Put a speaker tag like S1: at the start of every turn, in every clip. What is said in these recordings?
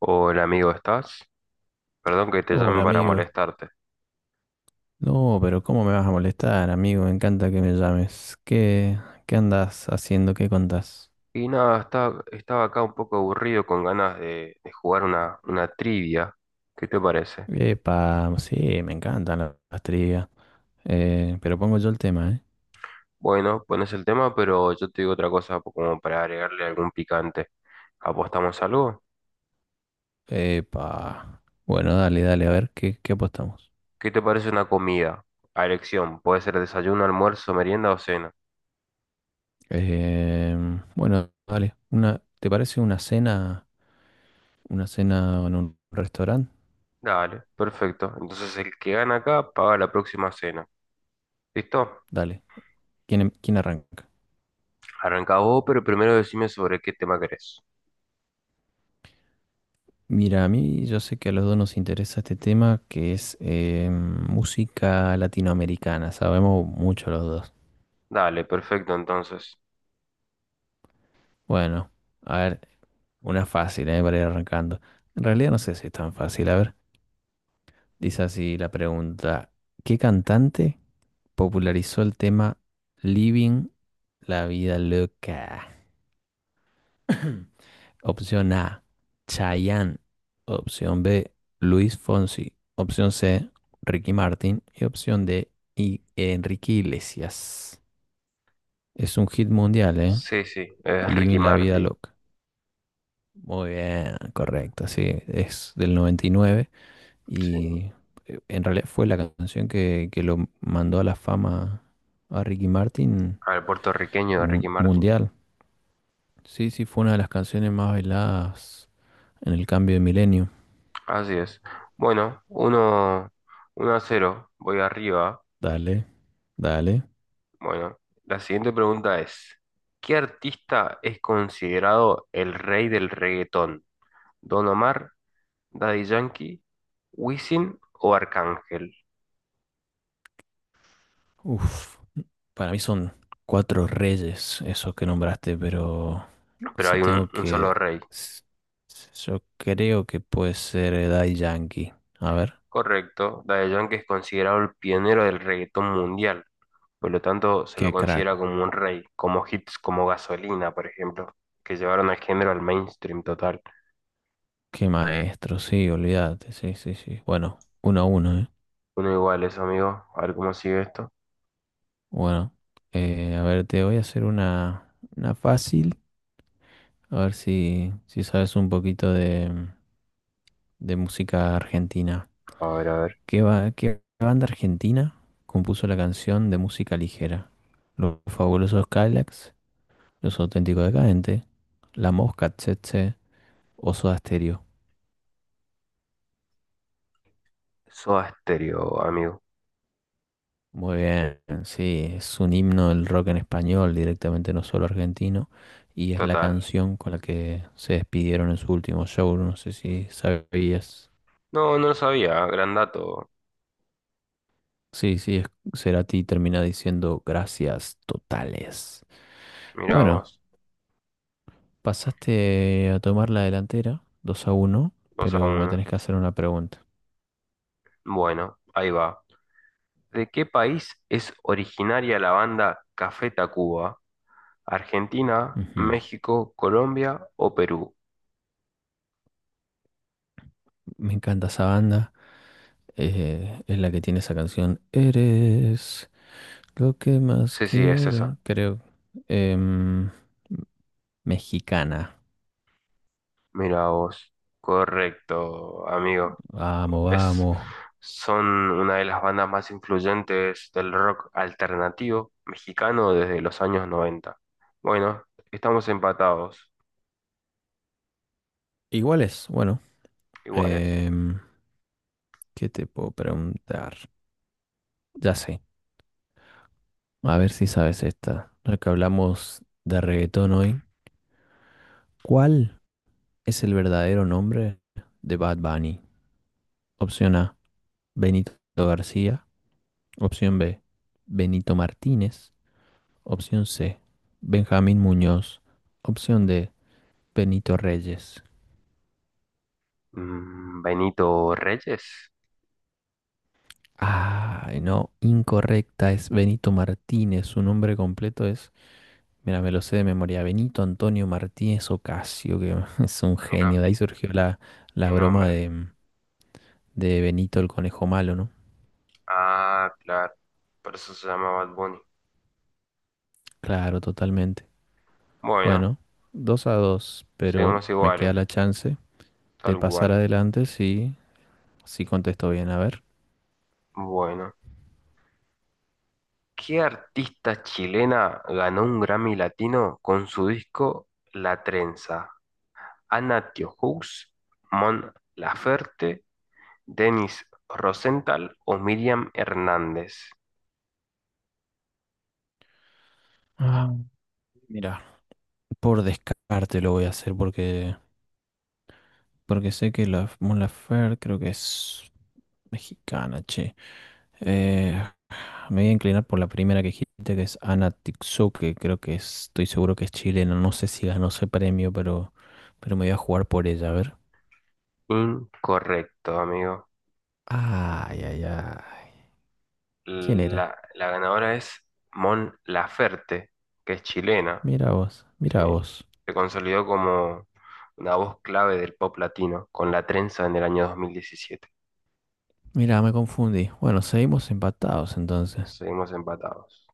S1: Hola amigo, ¿estás? Perdón que te llame
S2: Hola
S1: para
S2: amigo,
S1: molestarte.
S2: no, pero ¿cómo me vas a molestar, amigo? Me encanta que me llames. ¿Qué andas haciendo? ¿Qué contás?
S1: Y nada, estaba acá un poco aburrido con ganas de jugar una trivia. ¿Qué te parece?
S2: Epa, sí, me encantan las trivias. Pero pongo yo el tema, ¿eh?
S1: Bueno, pones el tema, pero yo te digo otra cosa como para agregarle algún picante. ¿Apostamos algo?
S2: Epa. Bueno, dale, dale, a ver, ¿qué apostamos?
S1: ¿Qué te parece una comida? A elección, puede ser desayuno, almuerzo, merienda o cena.
S2: Bueno, dale. Una, ¿te parece una cena en un restaurante?
S1: Dale, perfecto. Entonces el que gana acá paga la próxima cena. ¿Listo?
S2: Dale. ¿Quién arranca?
S1: Arrancá vos, pero primero decime sobre qué tema querés.
S2: Mira, a mí yo sé que a los dos nos interesa este tema que es música latinoamericana. Sabemos mucho los dos.
S1: Dale, perfecto entonces.
S2: Bueno, a ver, una fácil, para ir arrancando. En realidad no sé si es tan fácil. A ver, dice así la pregunta. ¿Qué cantante popularizó el tema Living la vida loca? Opción A, Chayanne. Opción B, Luis Fonsi. Opción C, Ricky Martin. Y opción D, Enrique Iglesias. Es un hit mundial, ¿eh?
S1: Sí, sí, es Ricky
S2: Living la vida
S1: Martin.
S2: loca. Muy bien, correcto. Sí, es del 99
S1: Sí,
S2: y nueve y en realidad fue la canción que lo mandó a la fama a Ricky Martin
S1: al puertorriqueño de Ricky Martin.
S2: mundial. Sí, sí, fue una de las canciones más bailadas en el cambio de milenio.
S1: Así es. Bueno, uno, uno a cero, voy arriba.
S2: Dale, dale.
S1: Bueno, la siguiente pregunta es, ¿qué artista es considerado el rey del reggaetón? ¿Don Omar, Daddy Yankee, Wisin o Arcángel?
S2: Uf, para mí son cuatro reyes esos que nombraste, pero
S1: Pero
S2: si
S1: hay un,
S2: tengo
S1: un solo
S2: que...
S1: rey.
S2: s- Yo creo que puede ser Daddy Yankee. A ver,
S1: Correcto, Daddy Yankee es considerado el pionero del reggaetón mundial. Por lo tanto, se lo
S2: qué crack,
S1: considera como un rey, como hits como Gasolina, por ejemplo, que llevaron al género al mainstream total.
S2: qué maestro, sí, olvídate, sí, sí, sí. Bueno, uno a uno, ¿eh?
S1: Uno igual eso, amigo. A ver cómo sigue esto.
S2: Bueno, a ver, te voy a hacer una fácil, a ver si sabes un poquito de música argentina.
S1: A ver, a ver.
S2: ¿Qué banda argentina compuso la canción de música ligera? Los fabulosos Cadillacs, Los auténticos decadentes, La Mosca, Tsetse, o Soda Stereo.
S1: Soda Stereo, amigo.
S2: Muy bien, sí, es un himno del rock en español, directamente no solo argentino, y es la
S1: Total.
S2: canción con la que se despidieron en su último show, no sé si sabías.
S1: No, no lo sabía. Gran dato.
S2: Sí, sí, Cerati termina diciendo gracias totales.
S1: Mirá
S2: Bueno.
S1: vos.
S2: Pasaste a tomar la delantera, 2 a uno,
S1: 2 a
S2: pero me
S1: 1.
S2: tenés que hacer una pregunta.
S1: Bueno, ahí va. ¿De qué país es originaria la banda Café Tacuba? ¿Argentina,
S2: Ujú.
S1: México, Colombia o Perú?
S2: Me encanta esa banda. Es la que tiene esa canción. Eres lo que más
S1: Sí, sí, es esa.
S2: quiero, creo. Em, Mexicana.
S1: Mira vos. Correcto, amigo.
S2: Vamos,
S1: Es,
S2: vamos.
S1: son una de las bandas más influyentes del rock alternativo mexicano desde los años noventa. Bueno, estamos empatados,
S2: Igual es, bueno.
S1: iguales.
S2: em, ¿Qué te puedo preguntar? Ya sé. A ver si sabes esta. Ya que hablamos de reggaetón hoy. ¿Cuál es el verdadero nombre de Bad Bunny? Opción A, Benito García. Opción B, Benito Martínez. Opción C, Benjamín Muñoz. Opción D, Benito Reyes.
S1: Mm, Benito Reyes,
S2: Ay, no, incorrecta, es Benito Martínez. Su nombre completo es, mira, me lo sé de memoria, Benito Antonio Martínez Ocasio, que es un
S1: mira,
S2: genio. De ahí surgió la
S1: qué
S2: broma
S1: nombre.
S2: de Benito el Conejo Malo, ¿no?
S1: Ah, claro, por eso se llama Bad Bunny.
S2: Claro, totalmente.
S1: Bueno,
S2: Bueno, 2 a 2, pero
S1: seguimos
S2: me queda
S1: iguales,
S2: la chance de
S1: tal
S2: pasar
S1: cual.
S2: adelante si contesto bien. A ver.
S1: Bueno, ¿qué artista chilena ganó un Grammy Latino con su disco La Trenza? Anna Diohous, Mon Laferte, Denis Rosenthal o Miriam Hernández.
S2: Ah, mira, por descarte lo voy a hacer porque sé que la Mon Laferte creo que es mexicana, che. Eh, Me voy a inclinar por la primera que dijiste, que es Ana Tixou, que creo que estoy seguro que es chilena. No sé si ganó ese premio, pero me voy a jugar por ella, a ver.
S1: Incorrecto, amigo.
S2: Ay, ay, ay. ¿Quién era?
S1: La ganadora es Mon Laferte, que es chilena,
S2: Mira vos,
S1: ¿sí?
S2: mira vos.
S1: Se consolidó como una voz clave del pop latino con La Trenza en el año 2017.
S2: Mira, me confundí. Bueno, seguimos empatados entonces.
S1: Seguimos empatados.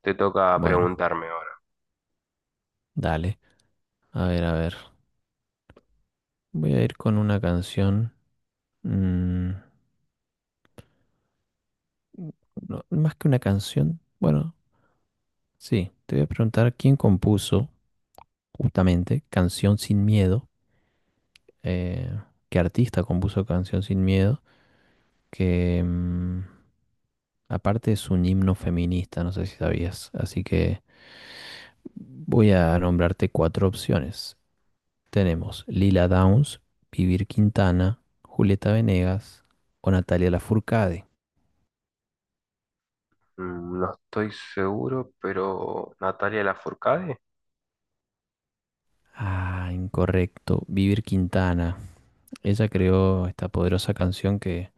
S1: Te toca
S2: Bueno,
S1: preguntarme ahora.
S2: dale. A ver, a ver. Voy a ir con una canción. mm, no, más que una canción. Bueno, sí. Te voy a preguntar quién compuso justamente Canción sin Miedo. eh, ¿Qué artista compuso Canción sin Miedo? Que aparte es un himno feminista, no sé si sabías. Así que voy a nombrarte cuatro opciones. Tenemos Lila Downs, Vivir Quintana, Julieta Venegas o Natalia Lafourcade.
S1: Mm, no estoy seguro, pero Natalia Lafourcade,
S2: Ah, incorrecto. Vivir Quintana. Ella creó esta poderosa canción que,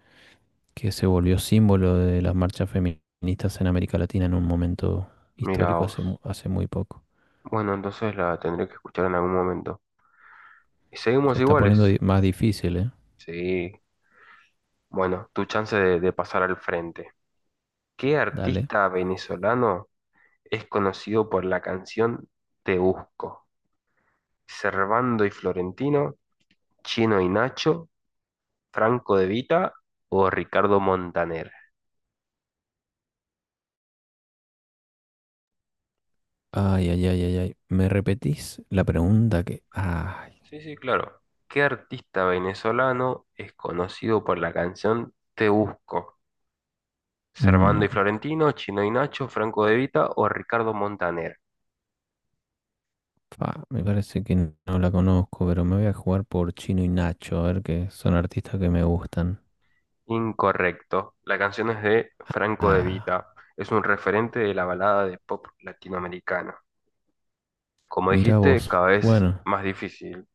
S2: que se volvió símbolo de las marchas feministas en América Latina en un momento
S1: mira
S2: histórico hace,
S1: vos.
S2: hace muy poco.
S1: Bueno, entonces la tendré que escuchar en algún momento. ¿Y
S2: Se
S1: seguimos
S2: está
S1: iguales?
S2: poniendo más difícil, ¿eh?
S1: Sí. Bueno, tu chance de pasar al frente. ¿Qué
S2: Dale.
S1: artista venezolano es conocido por la canción Te Busco? ¿Servando y Florentino, Chino y Nacho, Franco De Vita o Ricardo Montaner?
S2: Ay, ay, ay, ay, ay. ¿Me repetís la pregunta que...? Ay,
S1: Sí, sí, claro. ¿Qué artista venezolano es conocido por la canción Te Busco? ¿Servando y
S2: mm,
S1: Florentino, Chino y Nacho, Franco De Vita o Ricardo Montaner?
S2: fa, me parece que no la conozco, pero me voy a jugar por Chino y Nacho, a ver que son artistas que me gustan.
S1: Incorrecto. La canción es de Franco De
S2: Ah,
S1: Vita. Es un referente de la balada de pop latinoamericana. Como
S2: mira
S1: dijiste,
S2: vos.
S1: cada vez
S2: Bueno,
S1: más difícil,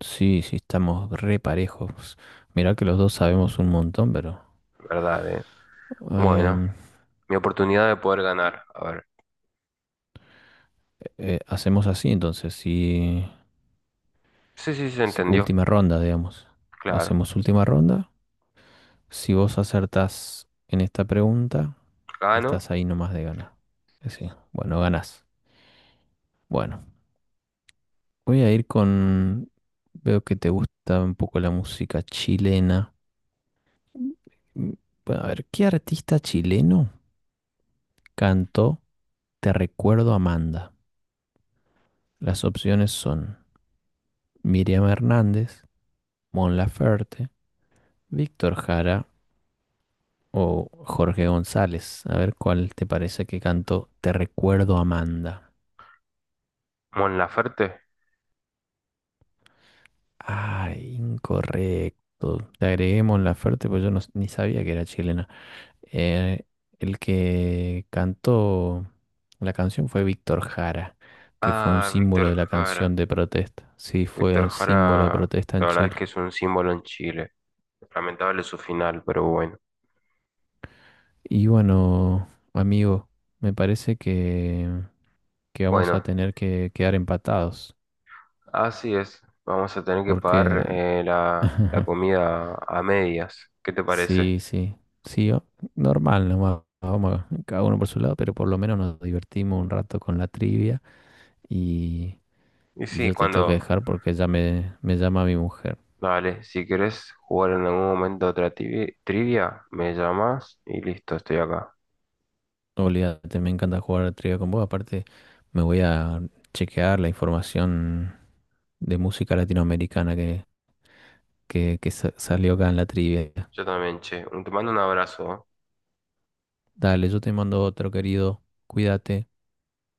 S2: sí, sí, estamos re parejos. Mirá que los dos sabemos un montón, pero
S1: ¿verdad? Bueno,
S2: em,
S1: mi oportunidad de poder ganar. A ver.
S2: hacemos así entonces,
S1: Sí, sí, se entendió.
S2: última ronda, digamos.
S1: Claro.
S2: Hacemos última ronda. Si vos acertás en esta pregunta,
S1: Gano.
S2: estás ahí nomás de ganar. Sí, bueno, ganás. Bueno, voy a ir con... Veo que te gusta un poco la música chilena. Mm, Bueno, a ver, ¿qué artista chileno cantó Te recuerdo Amanda? Las opciones son... Miriam Hernández, Mon Laferte, Víctor Jara o Jorge González. A ver cuál te parece que cantó. Te recuerdo, Amanda.
S1: Mon Laferte.
S2: Ay, incorrecto. Te agregué Mon Laferte, pues yo no, ni sabía que era chilena. Eh, el que cantó la canción fue Víctor Jara, que fue un
S1: Ah,
S2: símbolo
S1: Víctor
S2: de la
S1: Jara.
S2: canción de protesta. Sí, fue
S1: Víctor
S2: un símbolo de
S1: Jara,
S2: protesta
S1: la
S2: en
S1: verdad es
S2: Chile.
S1: que es un símbolo en Chile. Lamentable su final, pero bueno.
S2: Y bueno, amigo, me parece que vamos a
S1: Bueno,
S2: tener que quedar empatados,
S1: así es, vamos a tener que
S2: porque
S1: pagar la comida a medias. ¿Qué te parece?
S2: sí, sí, sí, normal nomás. Cada uno por su lado, pero por lo menos nos divertimos un rato con la trivia y,
S1: Y
S2: y
S1: sí,
S2: yo te tengo que
S1: cuando...
S2: dejar porque ya me llama mi mujer.
S1: Vale, si querés jugar en algún momento otra trivia, me llamas y listo, estoy acá.
S2: Olvídate, me encanta jugar a la trivia con vos. Aparte, me voy a chequear la información de música latinoamericana que salió acá en la trivia.
S1: Yo también, che. Te mando un abrazo. ¿Eh?
S2: Dale, yo te mando otro, querido. Cuídate.